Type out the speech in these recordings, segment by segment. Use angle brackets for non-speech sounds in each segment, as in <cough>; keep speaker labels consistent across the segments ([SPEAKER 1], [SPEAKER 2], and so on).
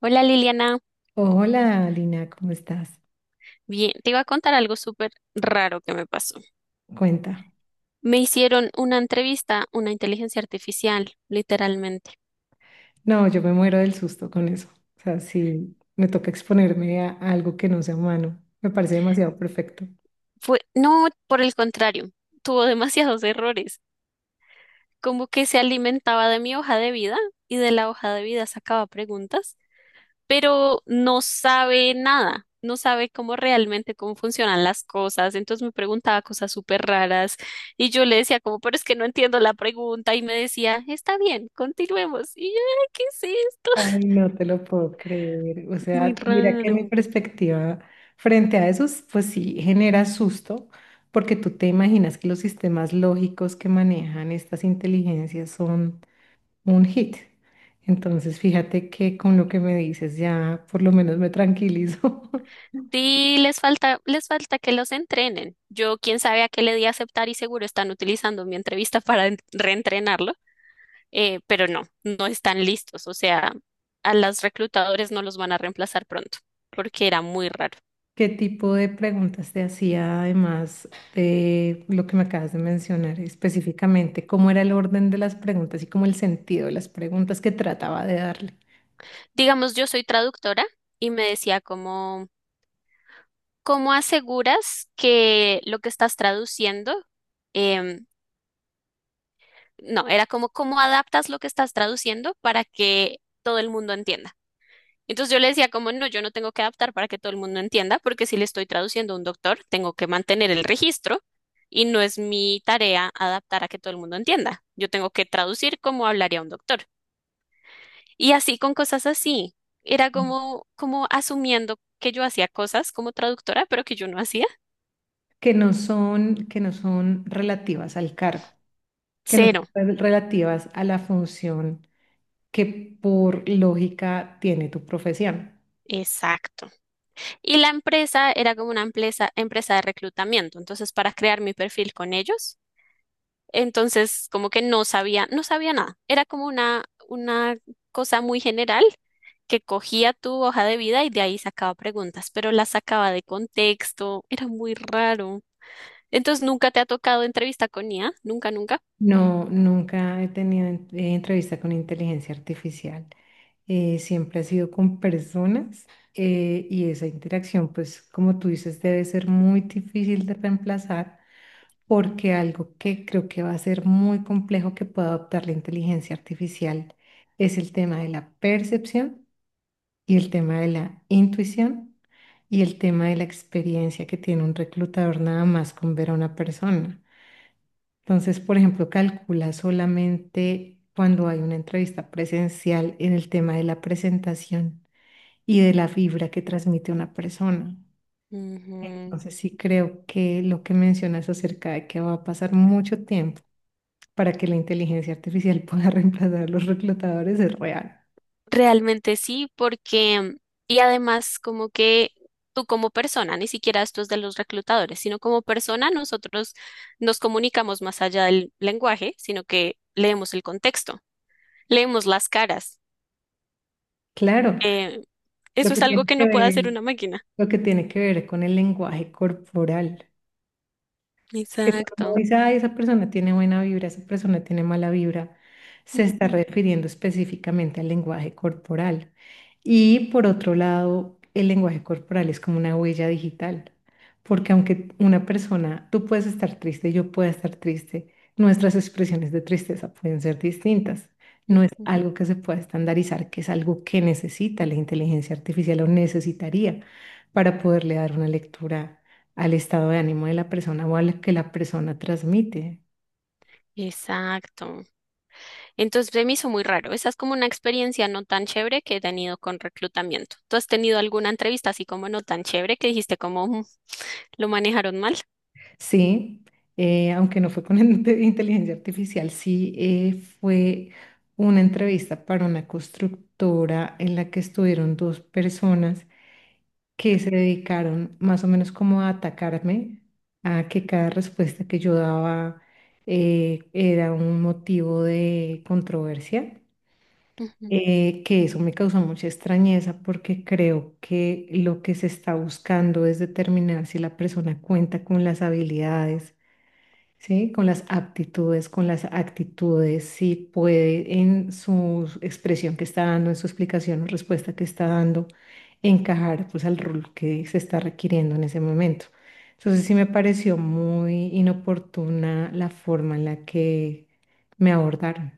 [SPEAKER 1] Hola Liliana,
[SPEAKER 2] Hola, Lina, ¿cómo estás?
[SPEAKER 1] bien, te iba a contar algo súper raro que me pasó.
[SPEAKER 2] Cuenta.
[SPEAKER 1] Me hicieron una entrevista, una inteligencia artificial, literalmente.
[SPEAKER 2] No, yo me muero del susto con eso. O sea, si me toca exponerme a algo que no sea humano, me parece demasiado perfecto.
[SPEAKER 1] Fue, no, por el contrario, tuvo <laughs> demasiados errores, como que se alimentaba de mi hoja de vida y de la hoja de vida sacaba preguntas, pero no sabe nada, no sabe cómo realmente cómo funcionan las cosas. Entonces me preguntaba cosas súper raras y yo le decía como, pero es que no entiendo la pregunta y me decía, está bien, continuemos. Y yo, "Ay, ¿qué es esto?"
[SPEAKER 2] Ay,
[SPEAKER 1] <laughs>
[SPEAKER 2] no te lo puedo creer. O
[SPEAKER 1] Muy
[SPEAKER 2] sea, mira que mi
[SPEAKER 1] raro.
[SPEAKER 2] perspectiva frente a eso, pues sí, genera susto, porque tú te imaginas que los sistemas lógicos que manejan estas inteligencias son un hit. Entonces, fíjate que con lo que me dices ya por lo menos me tranquilizo. <laughs>
[SPEAKER 1] Sí, les falta que los entrenen. Yo, quién sabe a qué le di a aceptar y seguro están utilizando mi entrevista <laughs> para reentrenarlo, pero no, no están listos. O sea, a los reclutadores no los van a reemplazar pronto, porque era muy raro.
[SPEAKER 2] ¿Qué tipo de preguntas te hacía además de lo que me acabas de mencionar específicamente? ¿Cómo era el orden de las preguntas y cómo el sentido de las preguntas que trataba de darle?
[SPEAKER 1] Digamos, yo soy traductora y me decía como, ¿cómo aseguras que lo que estás traduciendo, em, no, era como, ¿cómo adaptas lo que estás traduciendo para que todo el mundo entienda? Entonces yo le decía como, no, yo no tengo que adaptar para que todo el mundo entienda, porque si le estoy traduciendo a un doctor, tengo que mantener el registro y no es mi tarea adaptar a que todo el mundo entienda. Yo tengo que traducir como hablaría un doctor. Y así con cosas así. Era como, como asumiendo que yo hacía cosas como traductora, pero que yo no hacía.
[SPEAKER 2] Que no son relativas al cargo, que no
[SPEAKER 1] Cero.
[SPEAKER 2] son relativas a la función que por lógica tiene tu profesión.
[SPEAKER 1] Exacto. Y la empresa era como una empresa de reclutamiento. Entonces, para crear mi perfil con ellos, entonces como que no sabía nada. Era como una cosa muy general que cogía tu hoja de vida y de ahí sacaba preguntas, pero las sacaba de contexto. Era muy raro. Entonces, ¿nunca te ha tocado entrevista con IA? Nunca, nunca.
[SPEAKER 2] No, nunca he tenido entrevista con inteligencia artificial. Siempre ha sido con personas y esa interacción, pues como tú dices, debe ser muy difícil de reemplazar porque algo que creo que va a ser muy complejo que pueda adoptar la inteligencia artificial es el tema de la percepción y el tema de la intuición y el tema de la experiencia que tiene un reclutador nada más con ver a una persona. Entonces, por ejemplo, calcula solamente cuando hay una entrevista presencial en el tema de la presentación y de la vibra que transmite una persona.
[SPEAKER 1] Ujú.
[SPEAKER 2] Entonces, sí creo que lo que mencionas acerca de que va a pasar mucho tiempo para que la inteligencia artificial pueda <laughs> reemplazar a los reclutadores es real.
[SPEAKER 1] Realmente sí, porque, y además como que tú como persona, ni siquiera esto es de los reclutadores, sino como persona, nosotros nos comunicamos más allá del lenguaje, sino que leemos el contexto, leemos las caras.
[SPEAKER 2] Claro,
[SPEAKER 1] Eh,
[SPEAKER 2] lo
[SPEAKER 1] eso
[SPEAKER 2] que
[SPEAKER 1] es algo
[SPEAKER 2] tiene
[SPEAKER 1] que no
[SPEAKER 2] que
[SPEAKER 1] puede
[SPEAKER 2] ver,
[SPEAKER 1] hacer una máquina.
[SPEAKER 2] lo que tiene que ver con el lenguaje corporal. Que cuando uno
[SPEAKER 1] Exacto.
[SPEAKER 2] dice, ay, esa persona tiene buena vibra, esa persona tiene mala vibra, se está
[SPEAKER 1] Ujú,
[SPEAKER 2] refiriendo específicamente al lenguaje corporal. Y por otro lado, el lenguaje corporal es como una huella digital, porque aunque una persona, tú puedes estar triste, yo pueda estar triste, nuestras expresiones de tristeza pueden ser distintas. No es
[SPEAKER 1] ujú.
[SPEAKER 2] algo que se pueda estandarizar, que es algo que necesita la inteligencia artificial o necesitaría para poderle dar una lectura al estado de ánimo de la persona o a lo que la persona transmite.
[SPEAKER 1] Exacto. Entonces se me hizo muy raro. Esa es como una experiencia no tan chévere que he tenido con reclutamiento. ¿Tú has tenido alguna entrevista así como no tan chévere que dijiste como "Mm, lo manejaron mal"?
[SPEAKER 2] Sí, aunque no fue con <laughs> inteligencia artificial, sí fue una entrevista para una constructora en la que estuvieron dos personas que se dedicaron más o menos como a atacarme, a que cada respuesta que yo daba era un motivo de controversia.
[SPEAKER 1] Ujú.
[SPEAKER 2] Que eso me causó mucha extrañeza porque creo que lo que se está buscando es determinar si la persona cuenta con las habilidades, ¿sí? Con las aptitudes, con las actitudes, si puede en su expresión que está dando, en su explicación o respuesta que está dando, encajar pues al rol que se está requiriendo en ese momento. Entonces sí me pareció muy inoportuna la forma en la que me abordaron.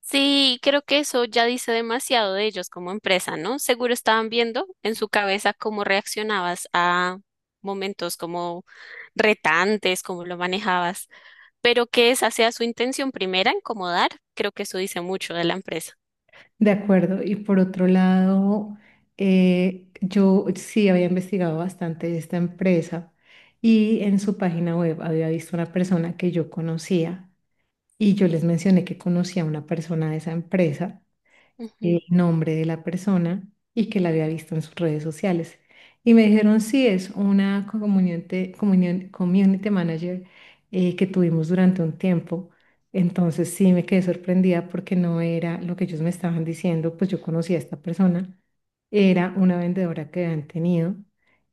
[SPEAKER 1] Sí, creo que eso ya dice demasiado de ellos como empresa, ¿no? Seguro estaban viendo en su cabeza cómo reaccionabas a momentos como retantes, cómo lo manejabas, pero que esa sea su intención primera, incomodar, creo que eso dice mucho de la empresa.
[SPEAKER 2] De acuerdo. Y por otro lado, yo sí había investigado bastante esta empresa y en su página web había visto una persona que yo conocía y yo les mencioné que conocía a una persona de esa empresa,
[SPEAKER 1] Ujú.
[SPEAKER 2] el nombre de la persona, y que la había visto en sus redes sociales. Y me dijeron, sí, es una community manager que tuvimos durante un tiempo. Entonces sí me quedé sorprendida porque no era lo que ellos me estaban diciendo, pues yo conocí a esta persona, era una vendedora que habían tenido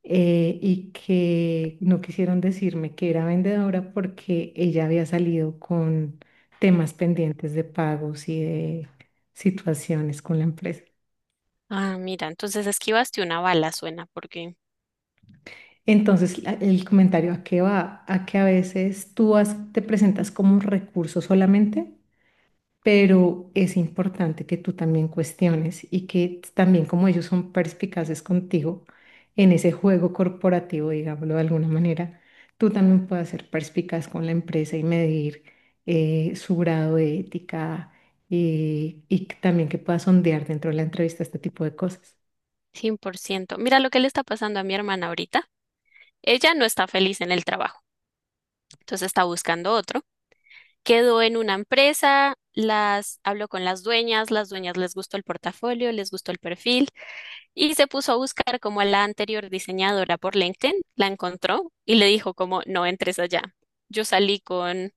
[SPEAKER 2] y que no quisieron decirme que era vendedora porque ella había salido con temas pendientes de pagos y de situaciones con la empresa.
[SPEAKER 1] Ah, mira, entonces esquivaste una bala, suena, porque
[SPEAKER 2] Entonces, el comentario a qué va, a que a veces te presentas como un recurso solamente, pero es importante que tú también cuestiones y que también como ellos son perspicaces contigo en ese juego corporativo, digámoslo de alguna manera, tú también puedas ser perspicaz con la empresa y medir su grado de ética, y también que puedas sondear dentro de la entrevista este tipo de cosas.
[SPEAKER 1] cien por ciento. Mira lo que le está pasando a mi hermana ahorita. Ella no está feliz en el trabajo, entonces está buscando otro. Quedó en una empresa, las habló con las dueñas les gustó el portafolio, les gustó el perfil y se puso a buscar como a la anterior diseñadora por LinkedIn, la encontró y le dijo como no entres allá. Yo salí con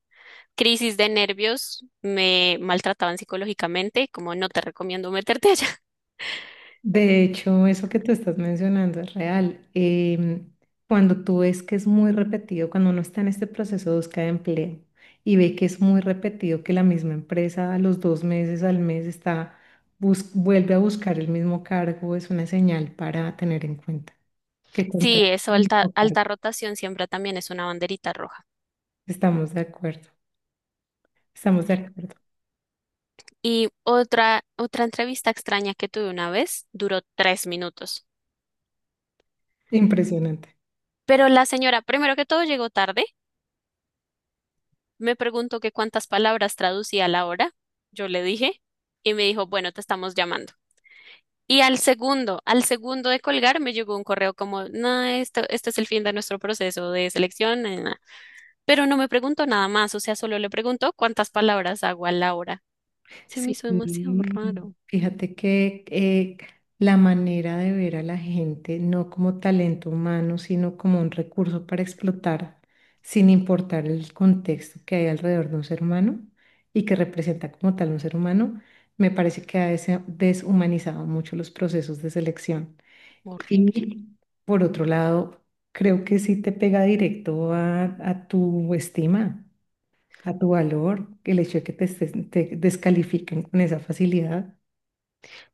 [SPEAKER 1] crisis de nervios, me maltrataban psicológicamente, como no te recomiendo meterte allá. <laughs>
[SPEAKER 2] De hecho, eso que tú estás mencionando es real. Cuando tú ves que es muy repetido, cuando uno está en este proceso de búsqueda de empleo y ve que es muy repetido, que la misma empresa a los dos meses, al mes, está, vuelve a buscar el mismo cargo, es una señal para tener en cuenta que
[SPEAKER 1] Sí,
[SPEAKER 2] contraten
[SPEAKER 1] eso,
[SPEAKER 2] el
[SPEAKER 1] alta,
[SPEAKER 2] mismo cargo.
[SPEAKER 1] alta rotación siempre también es una banderita roja.
[SPEAKER 2] Estamos de acuerdo, estamos de acuerdo.
[SPEAKER 1] Y otra entrevista extraña que tuve una vez duró tres minutos.
[SPEAKER 2] Impresionante.
[SPEAKER 1] Pero la señora, primero que todo, llegó tarde, me preguntó que cuántas palabras traducía a la hora, yo le dije, y me dijo, bueno, te estamos llamando. Y al segundo de colgar, me llegó un correo como, no, esto, "este es el fin de nuestro proceso de selección, na, na, na". Pero no me preguntó nada más, o sea, solo le preguntó cuántas palabras hago a la hora. Se me
[SPEAKER 2] Sí,
[SPEAKER 1] hizo demasiado raro,
[SPEAKER 2] fíjate que la manera de ver a la gente no como talento humano, sino como un recurso para explotar, sin importar el contexto que hay alrededor de un ser humano y que representa como tal un ser humano, me parece que ha deshumanizado mucho los procesos de selección.
[SPEAKER 1] horrible.
[SPEAKER 2] Y por otro lado, creo que sí te pega directo a tu estima, a tu valor, el hecho de que te descalifiquen con esa facilidad.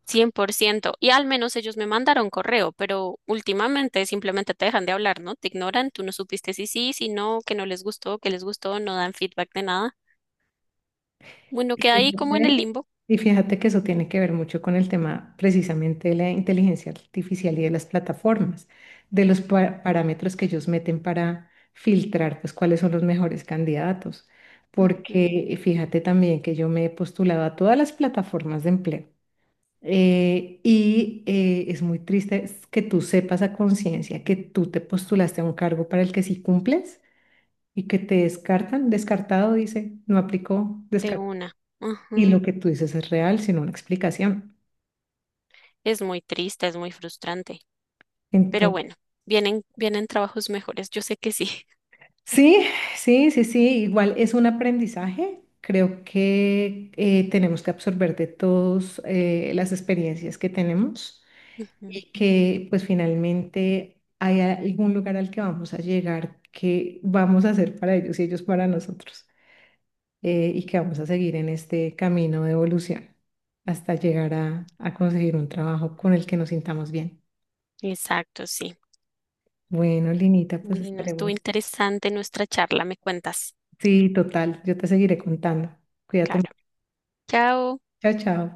[SPEAKER 1] Cien por ciento. Y al menos ellos me mandaron correo, pero últimamente simplemente te dejan de hablar, ¿no? Te ignoran, tú no supiste si sí, si no, que no les gustó, que les gustó, no dan feedback de nada. Bueno,
[SPEAKER 2] Y
[SPEAKER 1] queda ahí como en el
[SPEAKER 2] fíjate
[SPEAKER 1] limbo.
[SPEAKER 2] y fíjate que eso tiene que ver mucho con el tema precisamente de la inteligencia artificial y de las plataformas, de los parámetros que ellos meten para filtrar, pues cuáles son los mejores candidatos.
[SPEAKER 1] Ujú.
[SPEAKER 2] Porque fíjate también que yo me he postulado a todas las plataformas de empleo. Es muy triste es que tú sepas a conciencia que tú te postulaste a un cargo para el que sí cumples y que te descartan, descartado dice, no aplicó,
[SPEAKER 1] De
[SPEAKER 2] descartado.
[SPEAKER 1] una.
[SPEAKER 2] Y lo
[SPEAKER 1] Ujú.
[SPEAKER 2] que tú dices es real, sino una explicación.
[SPEAKER 1] Es muy triste, es muy frustrante. Pero
[SPEAKER 2] Entonces,
[SPEAKER 1] bueno, vienen trabajos mejores, yo sé que sí.
[SPEAKER 2] sí, sí, sí, sí, igual es un aprendizaje. Creo que tenemos que absorber de todos las experiencias que tenemos
[SPEAKER 1] <laughs> Ujú.
[SPEAKER 2] y que pues finalmente hay algún lugar al que vamos a llegar que vamos a hacer para ellos y ellos para nosotros. Y que vamos a seguir en este camino de evolución hasta llegar a conseguir un trabajo con el que nos sintamos bien.
[SPEAKER 1] Exacto, sí.
[SPEAKER 2] Bueno, Linita, pues
[SPEAKER 1] Bueno, estuvo
[SPEAKER 2] estaremos.
[SPEAKER 1] interesante nuestra charla, me cuentas.
[SPEAKER 2] Sí, total, yo te seguiré contando. Cuídate
[SPEAKER 1] Claro.
[SPEAKER 2] mucho.
[SPEAKER 1] Chao.
[SPEAKER 2] Chao, chao.